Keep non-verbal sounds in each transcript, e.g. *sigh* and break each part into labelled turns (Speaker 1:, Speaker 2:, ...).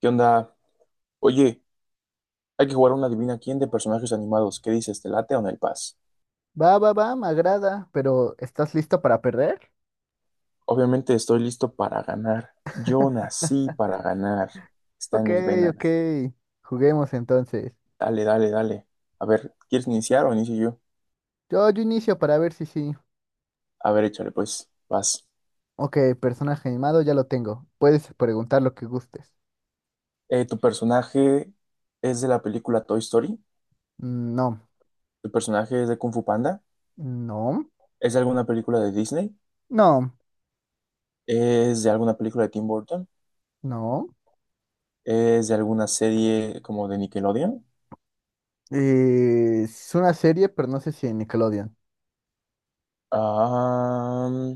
Speaker 1: ¿Qué onda? Oye, hay que jugar a una Adivina quién de personajes animados. ¿Qué dices? ¿Te late o en el paz?
Speaker 2: Va, va, va, me agrada, pero ¿estás lista para perder?
Speaker 1: Obviamente estoy listo para ganar. Yo nací para ganar. Está en
Speaker 2: Ok,
Speaker 1: mis
Speaker 2: ok,
Speaker 1: venas.
Speaker 2: juguemos entonces.
Speaker 1: Dale, dale, dale. A ver, ¿quieres iniciar o inicio yo?
Speaker 2: Yo inicio para ver si sí.
Speaker 1: A ver, échale, pues. Vas.
Speaker 2: Ok, personaje animado ya lo tengo. Puedes preguntar lo que gustes.
Speaker 1: ¿Tu personaje es de la película Toy Story?
Speaker 2: Mm, no,
Speaker 1: ¿Tu personaje es de Kung Fu Panda?
Speaker 2: no,
Speaker 1: ¿Es de alguna película de Disney?
Speaker 2: no,
Speaker 1: ¿Es de alguna película de Tim Burton?
Speaker 2: no.
Speaker 1: ¿Es de alguna serie como de Nickelodeon?
Speaker 2: Es una serie, pero no sé si en Nickelodeon.
Speaker 1: Ah.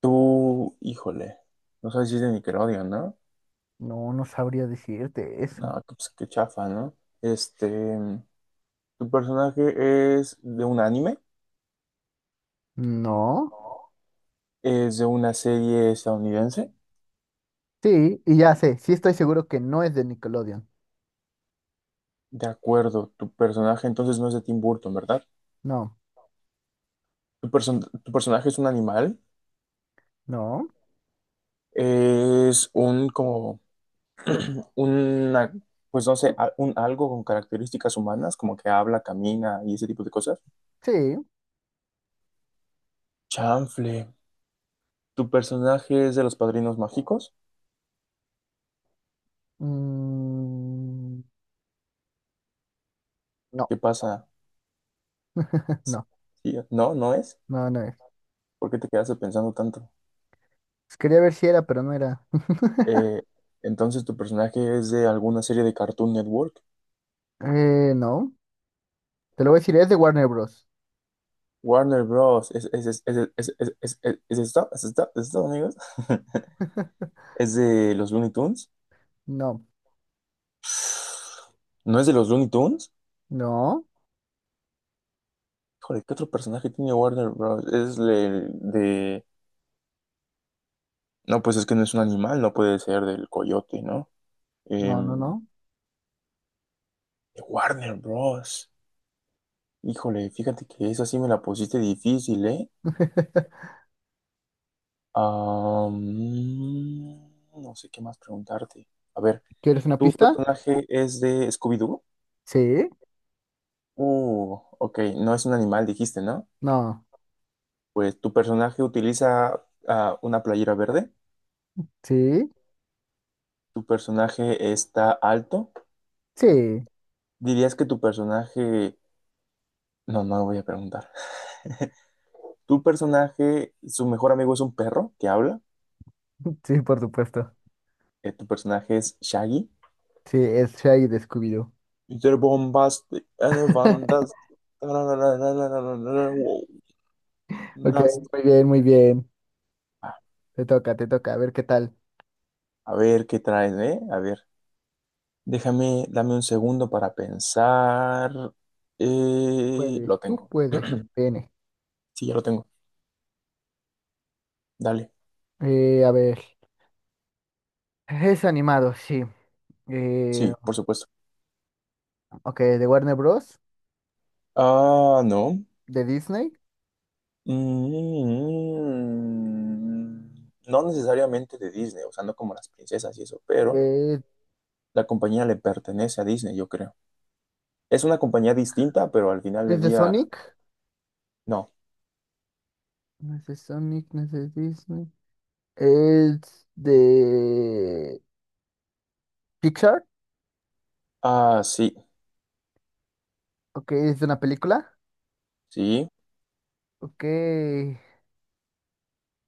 Speaker 1: Tú, híjole, no sabes si es de Nickelodeon, ¿no?
Speaker 2: No, no sabría decirte eso.
Speaker 1: No, pues qué chafa, ¿no? Este, Tu personaje es de un anime,
Speaker 2: No,
Speaker 1: es de una serie estadounidense.
Speaker 2: sí, y ya sé, sí estoy seguro que no es de Nickelodeon.
Speaker 1: De acuerdo, tu personaje entonces no es de Tim Burton, ¿verdad?
Speaker 2: No,
Speaker 1: Tu personaje es un animal,
Speaker 2: no,
Speaker 1: es un como, *clears throat* una, pues no sé, un algo con características humanas, como que habla, camina y ese tipo de cosas.
Speaker 2: sí,
Speaker 1: Chanfle, tu personaje es de los Padrinos Mágicos.
Speaker 2: mm, no,
Speaker 1: ¿Qué pasa?
Speaker 2: *laughs* no.
Speaker 1: Sí, no, no es.
Speaker 2: No, no es.
Speaker 1: ¿Por qué te quedaste pensando tanto?
Speaker 2: Quería ver si era, pero no era. *laughs*
Speaker 1: Eh, entonces tu personaje es de alguna serie de Cartoon Network.
Speaker 2: No. Te lo voy a decir, es de Warner Bros.
Speaker 1: Warner Bros. ¿Es es esto? ¿Es esto? ¿Es esto, amigos? *laughs* ¿Es de los Looney Tunes?
Speaker 2: No.
Speaker 1: ¿No es de los Looney Tunes?
Speaker 2: No.
Speaker 1: Híjole, ¿qué otro personaje tiene Warner Bros.? Es de. No, pues es que no es un animal, no puede ser del coyote, ¿no?
Speaker 2: No, no,
Speaker 1: Em,
Speaker 2: no.
Speaker 1: de Warner Bros. Híjole, fíjate que esa sí me la pusiste difícil, ¿eh?
Speaker 2: *laughs*
Speaker 1: Am, no sé qué más preguntarte. A ver,
Speaker 2: ¿Quieres una
Speaker 1: ¿tu
Speaker 2: pista?
Speaker 1: personaje es de Scooby-Doo?
Speaker 2: Sí.
Speaker 1: Ok, no es un animal, dijiste, ¿no?
Speaker 2: No.
Speaker 1: Pues tu personaje utiliza una playera verde.
Speaker 2: Sí.
Speaker 1: Tu personaje está alto.
Speaker 2: Sí.
Speaker 1: Dirías que tu personaje. No, no lo voy a preguntar. *laughs* Tu personaje, su mejor amigo es un perro que habla.
Speaker 2: *laughs* Sí, por supuesto.
Speaker 1: Tu personaje es Shaggy.
Speaker 2: Sí, es Shaggy de Scooby-Doo.
Speaker 1: Mr. Bombastic and
Speaker 2: *laughs*
Speaker 1: Fantastic. Wow,
Speaker 2: Ok,
Speaker 1: nasty.
Speaker 2: muy bien, muy bien. Te toca, te toca. A ver qué tal.
Speaker 1: A ver qué traes, ¿eh? A ver, déjame, dame un segundo para pensar.
Speaker 2: Tú puedes,
Speaker 1: Lo
Speaker 2: tú
Speaker 1: tengo.
Speaker 2: puedes.
Speaker 1: *clears throat*
Speaker 2: Viene.
Speaker 1: Sí, ya lo tengo. Dale.
Speaker 2: A ver. Es animado, sí. Eh,
Speaker 1: Sí, por supuesto.
Speaker 2: ok, de Warner Bros.
Speaker 1: Ah, no.
Speaker 2: De Disney.
Speaker 1: Mm, no necesariamente de Disney, o sea, no como las princesas y eso, pero
Speaker 2: De,
Speaker 1: la compañía le pertenece a Disney, yo creo. Es una compañía distinta, pero al final
Speaker 2: es
Speaker 1: del
Speaker 2: de
Speaker 1: día,
Speaker 2: Sonic.
Speaker 1: no.
Speaker 2: No es de Sonic, no es de Disney. Es de Pixar.
Speaker 1: Ah, sí,
Speaker 2: Ok, es de una película.
Speaker 1: sí.
Speaker 2: Ok,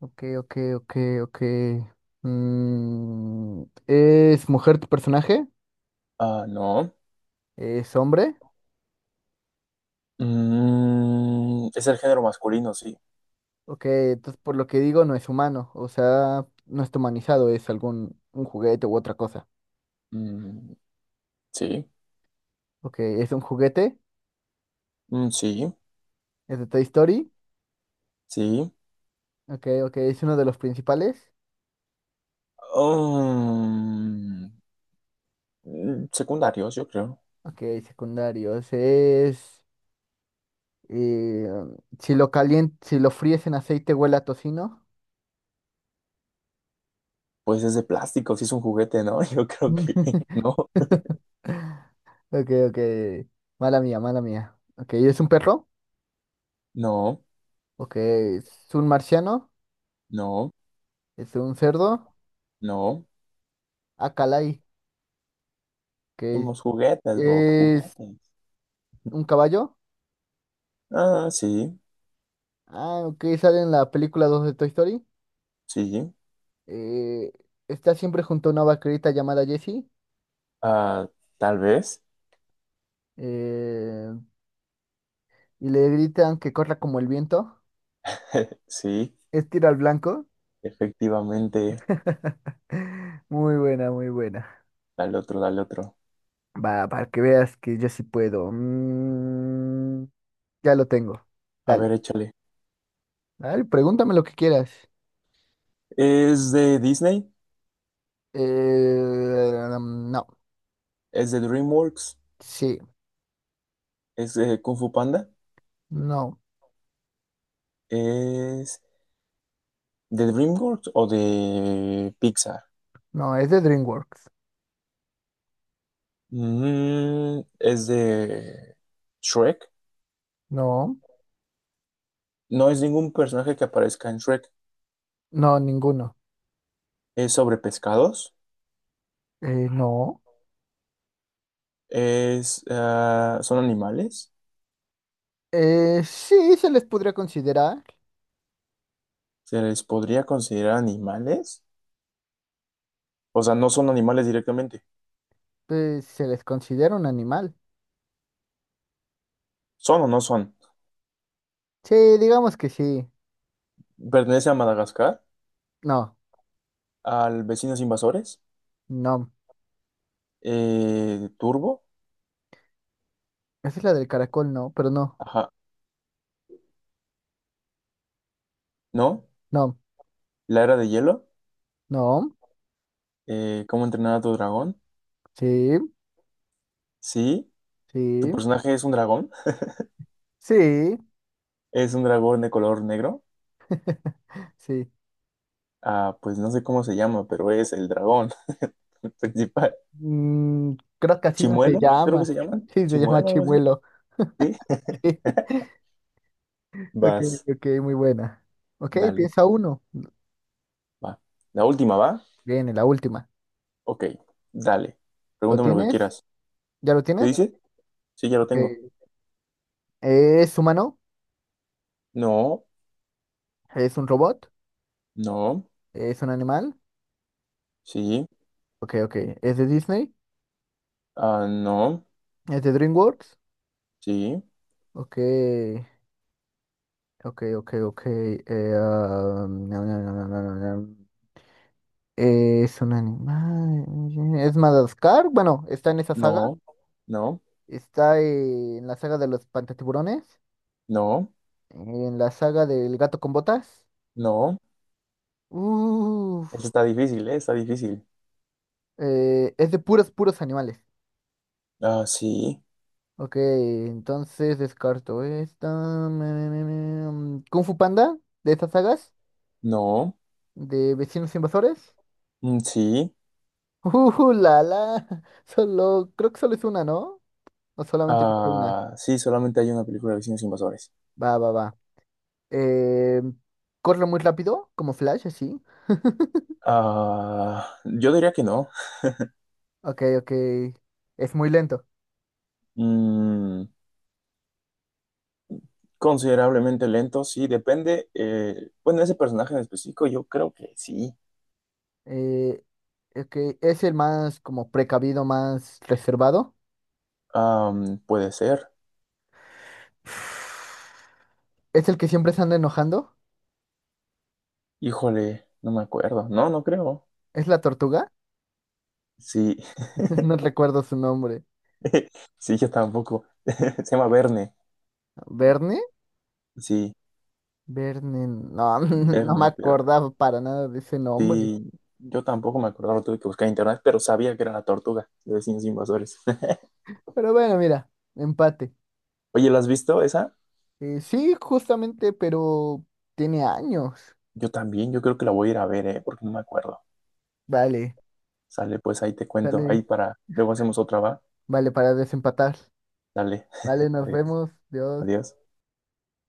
Speaker 2: ok, ok, ok, ok. Mm, ¿Es mujer tu personaje?
Speaker 1: Ah, no.
Speaker 2: ¿Es hombre?
Speaker 1: Es el género masculino, sí.
Speaker 2: Ok, entonces por lo que digo no es humano. O sea, no está humanizado, es algún un juguete u otra cosa.
Speaker 1: Mm, sí,
Speaker 2: Ok, es un juguete.
Speaker 1: mm, sí,
Speaker 2: Es de Toy Story.
Speaker 1: sí.
Speaker 2: Ok, ok, es uno de los principales.
Speaker 1: Um, Secundarios, yo creo.
Speaker 2: Ok, secundarios. Es. Y si lo fríes en aceite huele a tocino.
Speaker 1: Pues es de plástico, si es un juguete, ¿no? *laughs* Yo creo que *laughs*
Speaker 2: *laughs*
Speaker 1: no,
Speaker 2: Ok, ok. Mala mía, mala mía. Ok, ¿es un perro?
Speaker 1: no,
Speaker 2: Ok, ¿es un marciano?
Speaker 1: no,
Speaker 2: ¿Es un cerdo?
Speaker 1: no.
Speaker 2: Ah, calay. Ok,
Speaker 1: Somos juguetes, Bob,
Speaker 2: ¿es
Speaker 1: juguetes.
Speaker 2: un caballo?
Speaker 1: Ah, sí,
Speaker 2: Ah, ok, sale en la película 2 de Toy Story.
Speaker 1: sí.
Speaker 2: Eh, Está siempre junto a una vaquerita llamada Jessie.
Speaker 1: Ah, tal vez.
Speaker 2: eh, y le gritan que corra como el viento.
Speaker 1: *laughs* Sí,
Speaker 2: Es tiro al blanco.
Speaker 1: efectivamente.
Speaker 2: *laughs* Muy buena, muy buena.
Speaker 1: Dale otro, dale otro.
Speaker 2: Va, para que veas que yo sí puedo. Ya lo tengo.
Speaker 1: A ver,
Speaker 2: Dale.
Speaker 1: échale.
Speaker 2: Dale, pregúntame lo que quieras.
Speaker 1: ¿Es de Disney?
Speaker 2: No.
Speaker 1: ¿Es de DreamWorks?
Speaker 2: Sí.
Speaker 1: ¿Es de Kung Fu Panda?
Speaker 2: No.
Speaker 1: ¿Es ¿De DreamWorks o de Pixar?
Speaker 2: No, es de DreamWorks.
Speaker 1: Es de Shrek.
Speaker 2: No.
Speaker 1: No es ningún personaje que aparezca en Shrek.
Speaker 2: No, ninguno.
Speaker 1: Es sobre pescados.
Speaker 2: No.
Speaker 1: Son animales.
Speaker 2: Sí, se les podría considerar.
Speaker 1: ¿Se les podría considerar animales? O sea, no son animales directamente.
Speaker 2: Se les considera un animal.
Speaker 1: ¿Son o no son?
Speaker 2: Sí, digamos que sí.
Speaker 1: Pertenece a Madagascar,
Speaker 2: No.
Speaker 1: al Vecinos Invasores,
Speaker 2: No.
Speaker 1: Turbo,
Speaker 2: Esa es la del caracol, no. Pero no.
Speaker 1: ajá, ¿no?
Speaker 2: No.
Speaker 1: La Era de Hielo,
Speaker 2: No.
Speaker 1: ¿Cómo entrenar a tu dragón?
Speaker 2: Sí.
Speaker 1: Sí, ¿tu
Speaker 2: Sí.
Speaker 1: personaje es un dragón?
Speaker 2: Sí.
Speaker 1: Es un dragón de color negro.
Speaker 2: *laughs* Sí.
Speaker 1: Ah, pues no sé cómo se llama, pero es el dragón *laughs* principal.
Speaker 2: Mm, Creo que así no se
Speaker 1: Chimuelo, creo que
Speaker 2: llama.
Speaker 1: se llama.
Speaker 2: *laughs* Sí, se llama
Speaker 1: Chimuelo, algo así.
Speaker 2: chimuelo.
Speaker 1: Sí. *laughs*
Speaker 2: *laughs* Ok,
Speaker 1: Vas,
Speaker 2: ok, muy buena. Ok,
Speaker 1: dale,
Speaker 2: piensa uno.
Speaker 1: va. La última va.
Speaker 2: Viene la última.
Speaker 1: Ok, dale.
Speaker 2: ¿Lo
Speaker 1: Pregúntame lo que
Speaker 2: tienes?
Speaker 1: quieras.
Speaker 2: ¿Ya lo
Speaker 1: ¿Te
Speaker 2: tienes?
Speaker 1: dice? Sí, ya lo
Speaker 2: Ok.
Speaker 1: tengo.
Speaker 2: ¿Es humano?
Speaker 1: No,
Speaker 2: ¿Es un robot?
Speaker 1: no,
Speaker 2: ¿Es un animal?
Speaker 1: sí,
Speaker 2: Ok, ok. ¿Es de Disney?
Speaker 1: no,
Speaker 2: ¿Es de DreamWorks?
Speaker 1: sí,
Speaker 2: Ok, ok, ok, ok. No, no, no, no, no, no, no. ¿Es un animal? ¿Es Madagascar? Bueno, ¿está en esa saga?
Speaker 1: no, no,
Speaker 2: Está en la saga de los Pantatiburones,
Speaker 1: no,
Speaker 2: en la saga del Gato con Botas.
Speaker 1: no.
Speaker 2: Uf,
Speaker 1: Eso está difícil, ¿eh? Está difícil.
Speaker 2: es de puros, puros animales.
Speaker 1: Ah, sí,
Speaker 2: Ok, entonces descarto esta. Kung Fu Panda, de estas sagas,
Speaker 1: no,
Speaker 2: de Vecinos Invasores.
Speaker 1: mm, sí,
Speaker 2: *laughs* La, la. Solo, creo que solo es una, ¿no? O solamente he visto una.
Speaker 1: ah, sí, solamente hay una película de vecinos invasores.
Speaker 2: Va, va, va. Eh, Corre muy rápido, como Flash, así. *laughs*
Speaker 1: Ah, yo diría que no.
Speaker 2: Ok, ok. Es muy lento.
Speaker 1: Mm, Considerablemente lento, sí, depende. Bueno, ese personaje en específico, yo creo que sí.
Speaker 2: Eh, es que es el más como precavido, más reservado.
Speaker 1: Puede ser.
Speaker 2: Es el que siempre se anda enojando.
Speaker 1: Híjole, no me acuerdo. No, no creo.
Speaker 2: ¿Es la tortuga?
Speaker 1: Sí.
Speaker 2: *laughs* No
Speaker 1: *laughs*
Speaker 2: recuerdo su nombre.
Speaker 1: Sí, yo tampoco. *laughs* Se llama Verne.
Speaker 2: ¿Verne?
Speaker 1: Sí,
Speaker 2: Verne, no, *laughs* no me
Speaker 1: Verne, pero
Speaker 2: acordaba para nada de ese nombre.
Speaker 1: sí. Yo tampoco me acordaba, lo tuve que buscar en internet, pero sabía que era la tortuga de vecinos invasores. *laughs*
Speaker 2: Pero bueno, mira, empate.
Speaker 1: Oye, ¿la has visto esa?
Speaker 2: Sí, justamente, pero tiene años.
Speaker 1: Yo también, yo creo que la voy a ir a ver, ¿eh? Porque no me acuerdo.
Speaker 2: Vale,
Speaker 1: Sale, pues ahí te cuento. Ahí
Speaker 2: sale,
Speaker 1: para, luego hacemos otra, ¿va?
Speaker 2: vale para desempatar.
Speaker 1: Dale.
Speaker 2: Vale,
Speaker 1: *laughs*
Speaker 2: nos
Speaker 1: Adiós.
Speaker 2: vemos. Dios.
Speaker 1: Adiós.